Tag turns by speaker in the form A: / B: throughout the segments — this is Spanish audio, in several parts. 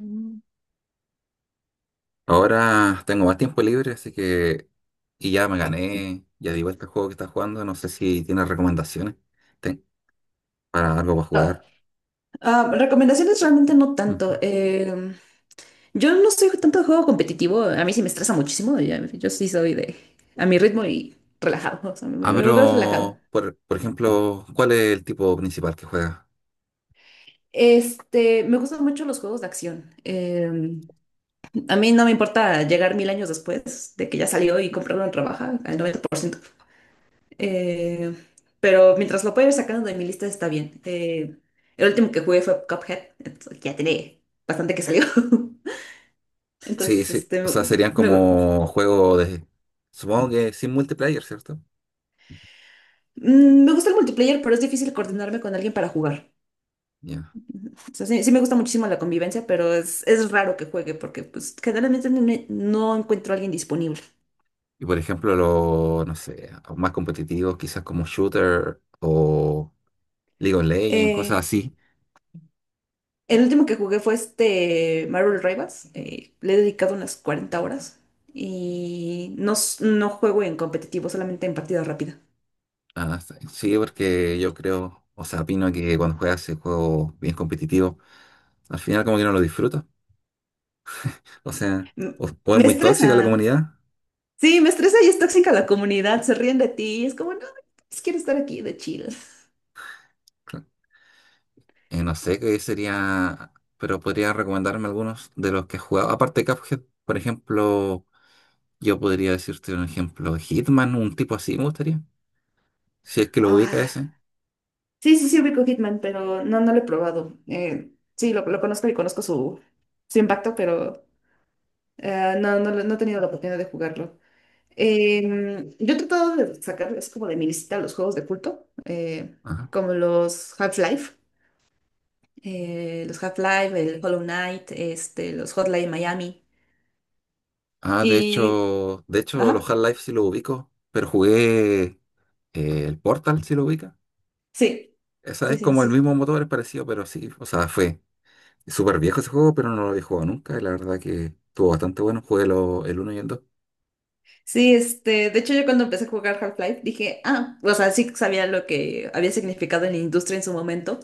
A: Mm.
B: Ahora tengo más tiempo libre, así que... Y ya me gané, ya di vuelta al juego que estás jugando, no sé si tienes recomendaciones ten- para algo para
A: Ah,
B: jugar.
A: recomendaciones realmente no tanto.
B: Ujú.
A: Yo no soy tanto de juego competitivo, a mí sí me estresa muchísimo, yo, sí soy de a mi ritmo y relajado, o sea, me
B: Ah,
A: veo relajado.
B: pero, por ejemplo, ¿cuál es el tipo principal que juega?
A: Este, me gustan mucho los juegos de acción. A mí no me importa llegar mil años después de que ya salió y comprarlo en rebaja al 90%. Eh, pero mientras lo pueda ir sacando de mi lista está bien. El último que jugué fue Cuphead, entonces ya tiene bastante que salió.
B: Sí,
A: Entonces,
B: sí,
A: este,
B: o sea, serían
A: me,
B: como juegos de... Supongo que sin multiplayer, ¿cierto?
A: me gusta el multiplayer, pero es difícil coordinarme con alguien para jugar.
B: Ya.
A: O sea, sí, sí me gusta muchísimo la convivencia, pero es raro que juegue porque pues generalmente no, no encuentro a alguien disponible.
B: Y por ejemplo, los, no sé, más competitivos, quizás como shooter o... League of Legends, cosas
A: Eh,
B: así.
A: el último que jugué fue este Marvel Rivals. Le he dedicado unas 40 horas y no, no juego en competitivo, solamente en partida rápida.
B: Ah, sí, sí, porque yo creo, o sea, opino que cuando juegas ese juego bien competitivo, al final como que no lo disfrutas. O sea,
A: M-
B: o es
A: Me
B: muy tóxica la
A: estresa.
B: comunidad.
A: Sí, me estresa y es tóxica la comunidad, se ríen de ti es como, no, pues, quiero estar aquí de chill.
B: Cla- no sé qué sería, pero podría recomendarme algunos de los que he jugado. Aparte de Cuphead, por ejemplo, yo podría decirte un ejemplo, Hitman, un tipo así me gustaría. Si es que lo ubica
A: Ah,
B: ese.
A: sí, sí, sí, ubico Hitman, pero no, no lo he probado. Sí, lo conozco y conozco su impacto, pero no he tenido la oportunidad de jugarlo. Yo he tratado de sacar, es como de mi lista, los juegos de culto,
B: Ajá.
A: como los Half-Life, el Hollow Knight, este, los Hotline Miami.
B: Ah, de
A: Y,
B: hecho, de hecho, los
A: ajá,
B: Half-Life sí lo ubico, pero jugué el Portal, si lo ubica.
A: sí,
B: Esa
A: sí,
B: es
A: sí,
B: como el
A: sí.
B: mismo motor, es parecido, pero sí, o sea, fue súper viejo ese juego, pero no lo había jugado nunca. Y la verdad que estuvo bastante bueno. Jugué el uno y el dos.
A: Sí, este, de hecho yo cuando empecé a jugar Half-Life dije, ah, o sea, sí sabía lo que había significado en la industria en su momento.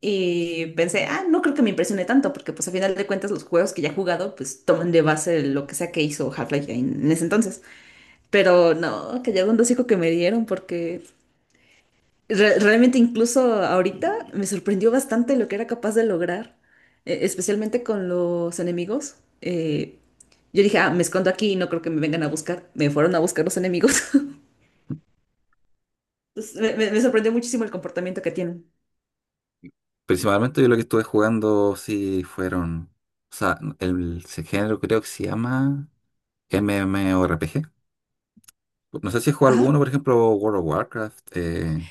A: Y pensé, ah, no creo que me impresione tanto, porque pues a final de cuentas los juegos que ya he jugado, pues toman de base lo que sea que hizo Half-Life en ese entonces. Pero no, que ya un hocico que me dieron, porque realmente incluso ahorita me sorprendió bastante lo que era capaz de lograr, especialmente con los enemigos. Yo dije, ah, me escondo aquí y no creo que me vengan a buscar. Me fueron a buscar los enemigos. Pues, me sorprendió muchísimo el comportamiento que tienen.
B: Principalmente yo lo que estuve jugando sí fueron. O sea, ese género creo que se llama MMORPG. No sé si he jugado
A: Ajá.
B: alguno, por ejemplo, World of Warcraft.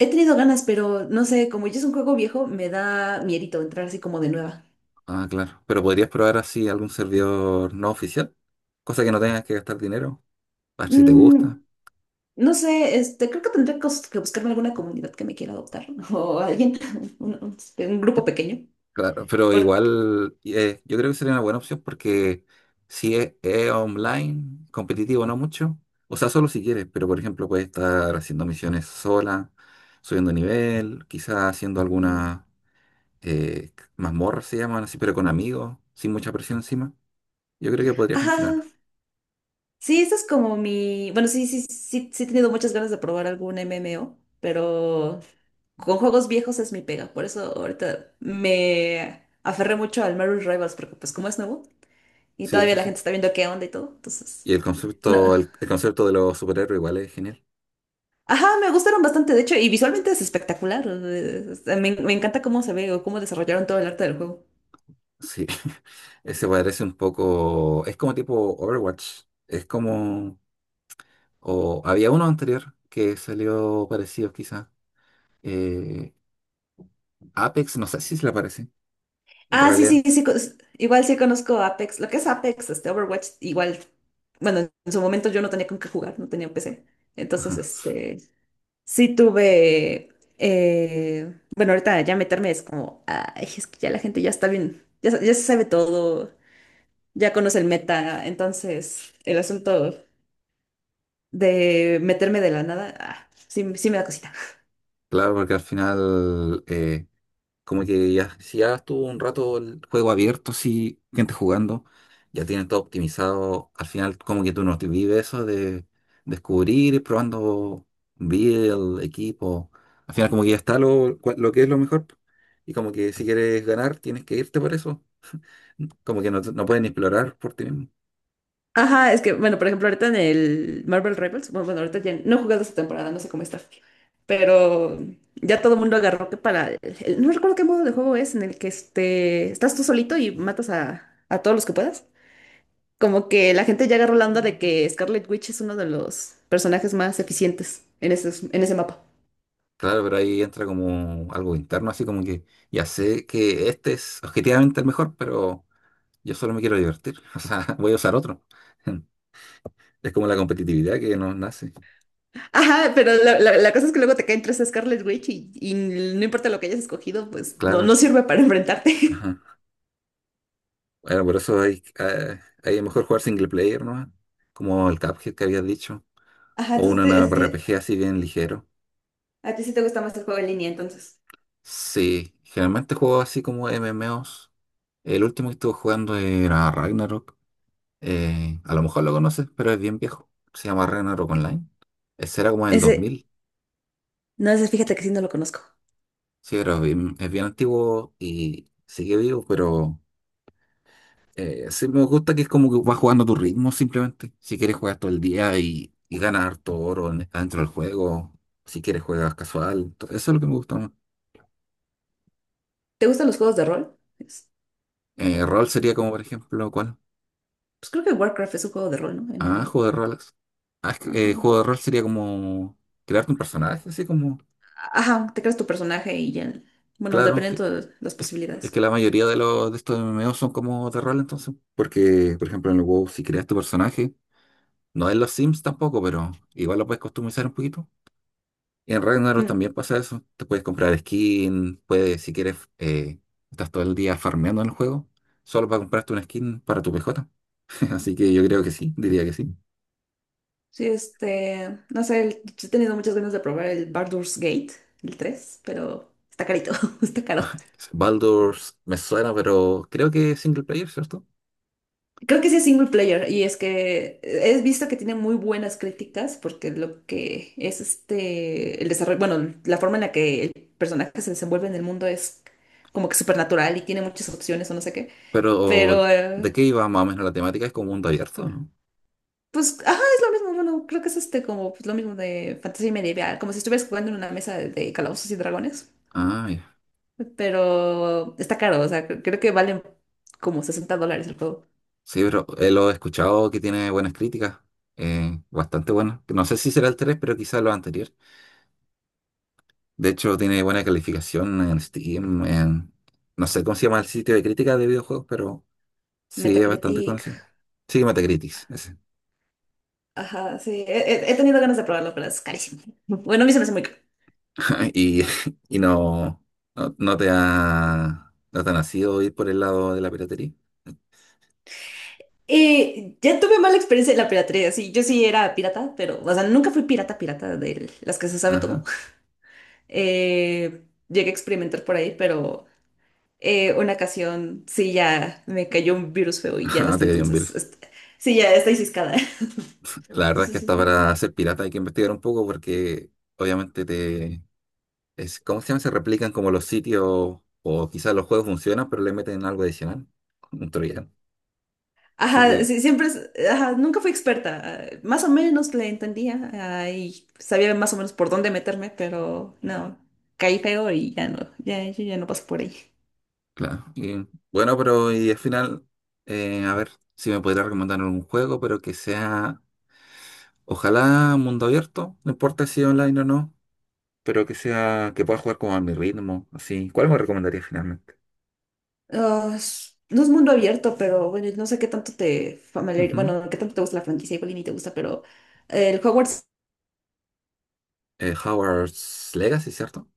A: He tenido ganas, pero no sé, como ya es un juego viejo, me da miedito entrar así como de nueva.
B: Ah, claro. Pero podrías probar así algún servidor no oficial, cosa que no tengas que gastar dinero, a ver si te
A: Mm,
B: gusta.
A: no sé, este, creo que tendré que buscarme alguna comunidad que me quiera adoptar o alguien, este, un grupo pequeño.
B: Claro, pero
A: Porque...
B: igual yo creo que sería una buena opción porque si es online, competitivo no mucho, o sea, solo si quieres, pero por ejemplo puedes estar haciendo misiones sola, subiendo nivel, quizás haciendo
A: Mm.
B: algunas mazmorras se llaman así, pero con amigos, sin mucha presión encima. Yo creo que podría
A: Ajá,
B: funcionar.
A: sí, esa es como mi... Bueno, sí, sí, sí, sí he tenido muchas ganas de probar algún MMO, pero con juegos viejos es mi pega. Por eso ahorita me aferré mucho al Marvel Rivals, porque pues como es nuevo y
B: Sí,
A: todavía
B: sí,
A: la
B: sí.
A: gente está viendo qué onda y todo, entonces...
B: Y el
A: No.
B: concepto, el concepto de los superhéroes igual es genial.
A: Ajá, me gustaron bastante, de hecho, y visualmente es espectacular. O sea, me encanta cómo se ve o cómo desarrollaron todo el arte del juego.
B: Sí, ese parece un poco, es como tipo Overwatch, es como... O había uno anterior que salió parecido quizá. Eh, Apex, no sé si se le parece.
A: Ah, sí,
B: Reliant.
A: sí, sí, igual sí conozco Apex. Lo que es Apex, este Overwatch, igual, bueno, en su momento yo no tenía con qué jugar, no tenía PC. Entonces,
B: Ajá.
A: este, sí tuve, bueno, ahorita ya meterme es como, ay, es que ya la gente ya está bien, ya, ya se sabe todo, ya conoce el meta, entonces el asunto de meterme de la nada, ah, sí, sí me da cosita.
B: Claro, porque al final, como que ya, si ya estuvo un rato el juego abierto, sí, gente jugando, ya tienen todo optimizado. Al final, como que tú no te vives eso de descubrir, ir probando build, equipo. Al final, como que ya está lo, lo que es lo mejor. Y como que si quieres ganar, tienes que irte por eso. Como que no, no pueden explorar por ti mismo.
A: Ajá, es que, bueno, por ejemplo, ahorita en el Marvel Rivals, bueno, ahorita ya no he jugado esta temporada, no sé cómo está, pero ya todo el mundo agarró que para, no recuerdo qué modo de juego es, en el que este, estás tú solito y matas a todos los que puedas. Como que la gente ya agarró la onda de que Scarlet Witch es uno de los personajes más eficientes en ese mapa.
B: Claro, pero ahí entra como algo interno, así como que ya sé que este es objetivamente el mejor, pero yo solo me quiero divertir. O sea, voy a usar otro. Es como la competitividad que nos nace.
A: Ajá, pero la cosa es que luego te caen tres Scarlet Witch y no importa lo que hayas escogido, pues no,
B: Claro.
A: no sirve para enfrentarte.
B: Ajá. Bueno, por eso hay, hay mejor jugar single player, ¿no? Como el Cuphead que habías dicho.
A: Ajá,
B: O un
A: entonces, así,
B: RPG así bien ligero.
A: a ti sí te gusta más el juego en línea, entonces.
B: Sí, generalmente juego así como MMOs. El último que estuve jugando era Ragnarok. A lo mejor lo conoces, pero es bien viejo. Se llama Ragnarok Online. Ese era como del dos
A: Ese,
B: mil
A: no, ese fíjate que sí no lo conozco.
B: Sí, pero es bien antiguo y sigue vivo, pero sí me gusta que es como que vas jugando a tu ritmo simplemente. Si quieres juegas todo el día y ganar todo oro dentro del juego. Si quieres juegas casual. Eso es lo que me gusta más.
A: ¿Te gustan los juegos de rol?
B: Rol sería
A: Pues
B: como, por ejemplo, ¿cuál?
A: creo que Warcraft es un juego de rol, ¿no?
B: Ah,
A: MMO.
B: juego de roles. Ah, es que,
A: Ajá.
B: juego de rol sería como crearte un personaje, así como,
A: Ajá, te creas tu personaje y ya. Bueno,
B: claro.
A: dependiendo de las
B: Es que
A: posibilidades.
B: la mayoría de los de estos MMO son como de rol, entonces. Porque, por ejemplo, en el WoW, si creas tu personaje, no en los Sims tampoco, pero igual lo puedes customizar un poquito. Y en Ragnarok
A: Mm.
B: también pasa eso. Te puedes comprar skin, puedes, si quieres, estás todo el día farmeando en el juego, solo para comprarte una skin para tu PJ. Así que yo creo que sí, diría que sí.
A: Sí, este, no sé, he tenido muchas ganas de probar el Baldur's Gate, el 3, pero está carito, está caro.
B: Baldur's me suena, pero creo que es single player, ¿cierto?
A: Creo que sí es single player y es que he visto que tiene muy buenas críticas porque lo que es este, el desarrollo, bueno, la forma en la que el personaje se desenvuelve en el mundo es como que supernatural y tiene muchas opciones o no sé qué,
B: Pero,
A: pero
B: ¿de qué iba más o menos la temática? Es como mundo abierto, ¿no?
A: pues, ajá, es lo mismo, bueno, creo que es este como pues, lo mismo de fantasía medieval, como si estuvieras jugando en una mesa de calabozos y dragones,
B: Ah,
A: pero está caro, o sea, creo que valen como $60 el juego.
B: sí, pero lo he escuchado que tiene buenas críticas, bastante buenas. No sé si será el 3, pero quizá lo anterior. De hecho, tiene buena calificación en Steam, en... No sé cómo se llama el sitio de crítica de videojuegos, pero sí es bastante
A: Metacritic.
B: conocido. Sí, Metacritic, ese.
A: Ajá, he tenido ganas de probarlo, pero es carísimo. Bueno, a mí se me hace muy caro.
B: Y, y no, no te ha nacido ir por el lado de la piratería.
A: Y ya tuve mala experiencia en la piratería, sí, yo sí era pirata, pero, o sea, nunca fui pirata, pirata de las que se sabe todo.
B: Ajá,
A: Eh, llegué a experimentar por ahí, pero una ocasión sí ya me cayó un virus feo y ya
B: no te
A: desde
B: cayó un
A: entonces,
B: virus.
A: este, sí, ya estoy ciscada.
B: La verdad es que
A: Entonces,
B: hasta para ser pirata hay que investigar un poco porque obviamente te, es, ¿cómo se llama? Se replican como los sitios, o quizás los juegos funcionan, pero le meten algo adicional, un troyano. Así
A: ajá,
B: que,
A: sí, siempre, ajá, nunca fui experta, más o menos le entendía, ah, y sabía más o menos por dónde meterme, pero no, caí feo y ya no, ya, yo ya no paso por ahí.
B: claro. Bueno, pero y al final, a ver si me podría recomendar un juego, pero que sea, ojalá mundo abierto, no importa si online o no, pero que sea, que pueda jugar como a mi ritmo, así. ¿Cuál me recomendaría finalmente?
A: Ah, no es mundo abierto, pero bueno, no sé qué tanto te familiar,
B: Ujú.
A: bueno, qué tanto te gusta la franquicia, igual y ni te gusta, pero el Hogwarts,
B: Howard's Legacy, ¿cierto?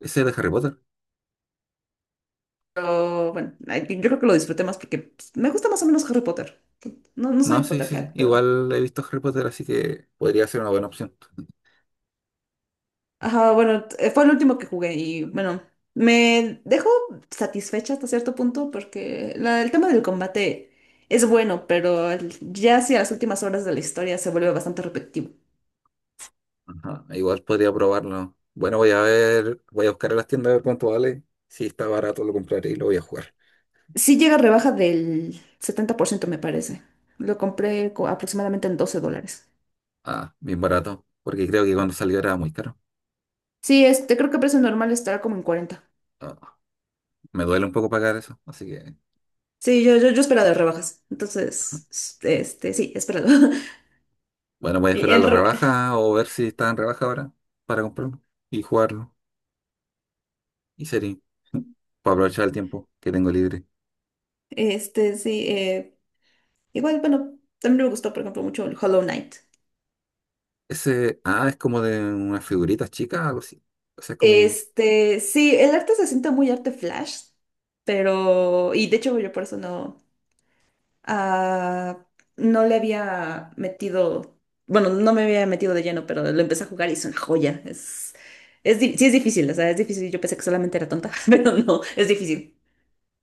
B: Ese es de Harry Potter.
A: pero, bueno, ay, yo creo que lo disfruté más porque pues, me gusta más o menos Harry Potter. No, no
B: No,
A: soy
B: sí, sí, sí.
A: Potterhead, pero
B: Igual he visto Harry Potter, así que podría ser una buena opción.
A: ajá, bueno, fue el último que jugué y bueno, me dejó satisfecha hasta cierto punto porque el tema del combate es bueno, pero ya hacia las últimas horas de la historia se vuelve bastante repetitivo.
B: Ajá, igual podría probarlo. Bueno, voy a ver, voy a buscar en las tiendas a ver cuánto vale. Si está barato, lo compraré y lo voy a jugar.
A: Sí llega a rebaja del 70% me parece. Lo compré aproximadamente en $12.
B: Ah, bien barato, porque creo que cuando salió era muy caro.
A: Sí, este, creo que precio normal estará como en 40.
B: Ah, me duele un poco pagar eso, así que
A: Sí, yo esperaba de rebajas. Entonces, este, sí, he esperado.
B: bueno, voy a
A: Y
B: esperar
A: en
B: la
A: re-
B: rebaja o ver si está en rebaja ahora para comprarlo y jugarlo. Y sería para aprovechar el tiempo que tengo libre.
A: este, sí, igual, bueno, también me gustó, por ejemplo, mucho el Hollow Knight.
B: Ese, ah, es como de unas figuritas chicas, algo así. O sea, es como...
A: Este, sí, el arte se siente muy arte flash, pero, y de hecho yo por eso no, ah, no le había metido, bueno, no me había metido de lleno, pero lo empecé a jugar y es una joya. Sí es difícil, o sea, es difícil. Yo pensé que solamente era tonta, pero no, es difícil.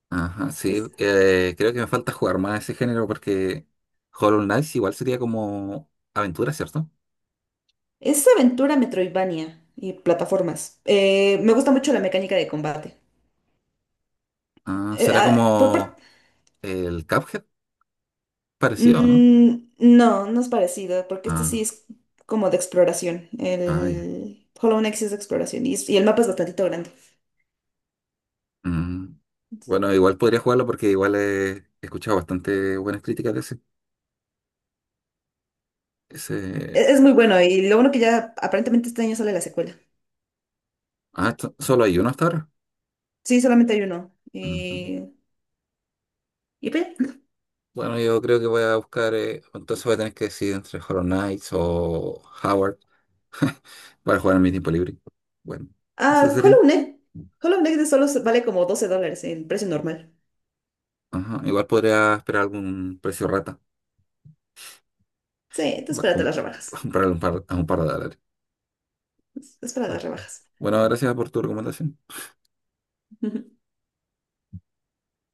B: Ajá, sí.
A: Es,
B: Creo que me falta jugar más ese género porque Hollow Knight igual sería como aventura, ¿cierto?
A: es aventura Metroidvania y plataformas. Me gusta mucho la mecánica de combate.
B: Ah, será
A: Por
B: como
A: parte
B: el Cuphead parecido, ¿no?
A: No, no es parecido, porque este sí
B: Ah,
A: es como de exploración.
B: ah, ya.
A: El Hollow Knight sí es de exploración y, y el mapa es bastantito grande.
B: Mm. Bueno, igual podría jugarlo porque igual he escuchado bastante buenas críticas de ese. Ese...
A: Es muy bueno y lo bueno que ya aparentemente este año sale la secuela.
B: Ah, solo hay uno hasta ahora.
A: Sí, solamente hay uno.
B: Ujú.
A: Y pues, ya.
B: Bueno, yo creo que voy a buscar, entonces voy a tener que decidir entre Hollow Knight o Howard para jugar en mi tiempo libre. Bueno, eso
A: Ah,
B: sería.
A: Hollow Knight. Hollow Knight de solo vale como $12 el precio normal.
B: Ajá, igual podría esperar algún precio rata.
A: Sí, entonces
B: Va,
A: espérate
B: com-
A: las rebajas.
B: Comprar a un par de dólares.
A: Espera las
B: Ah,
A: rebajas.
B: bueno, gracias por tu recomendación.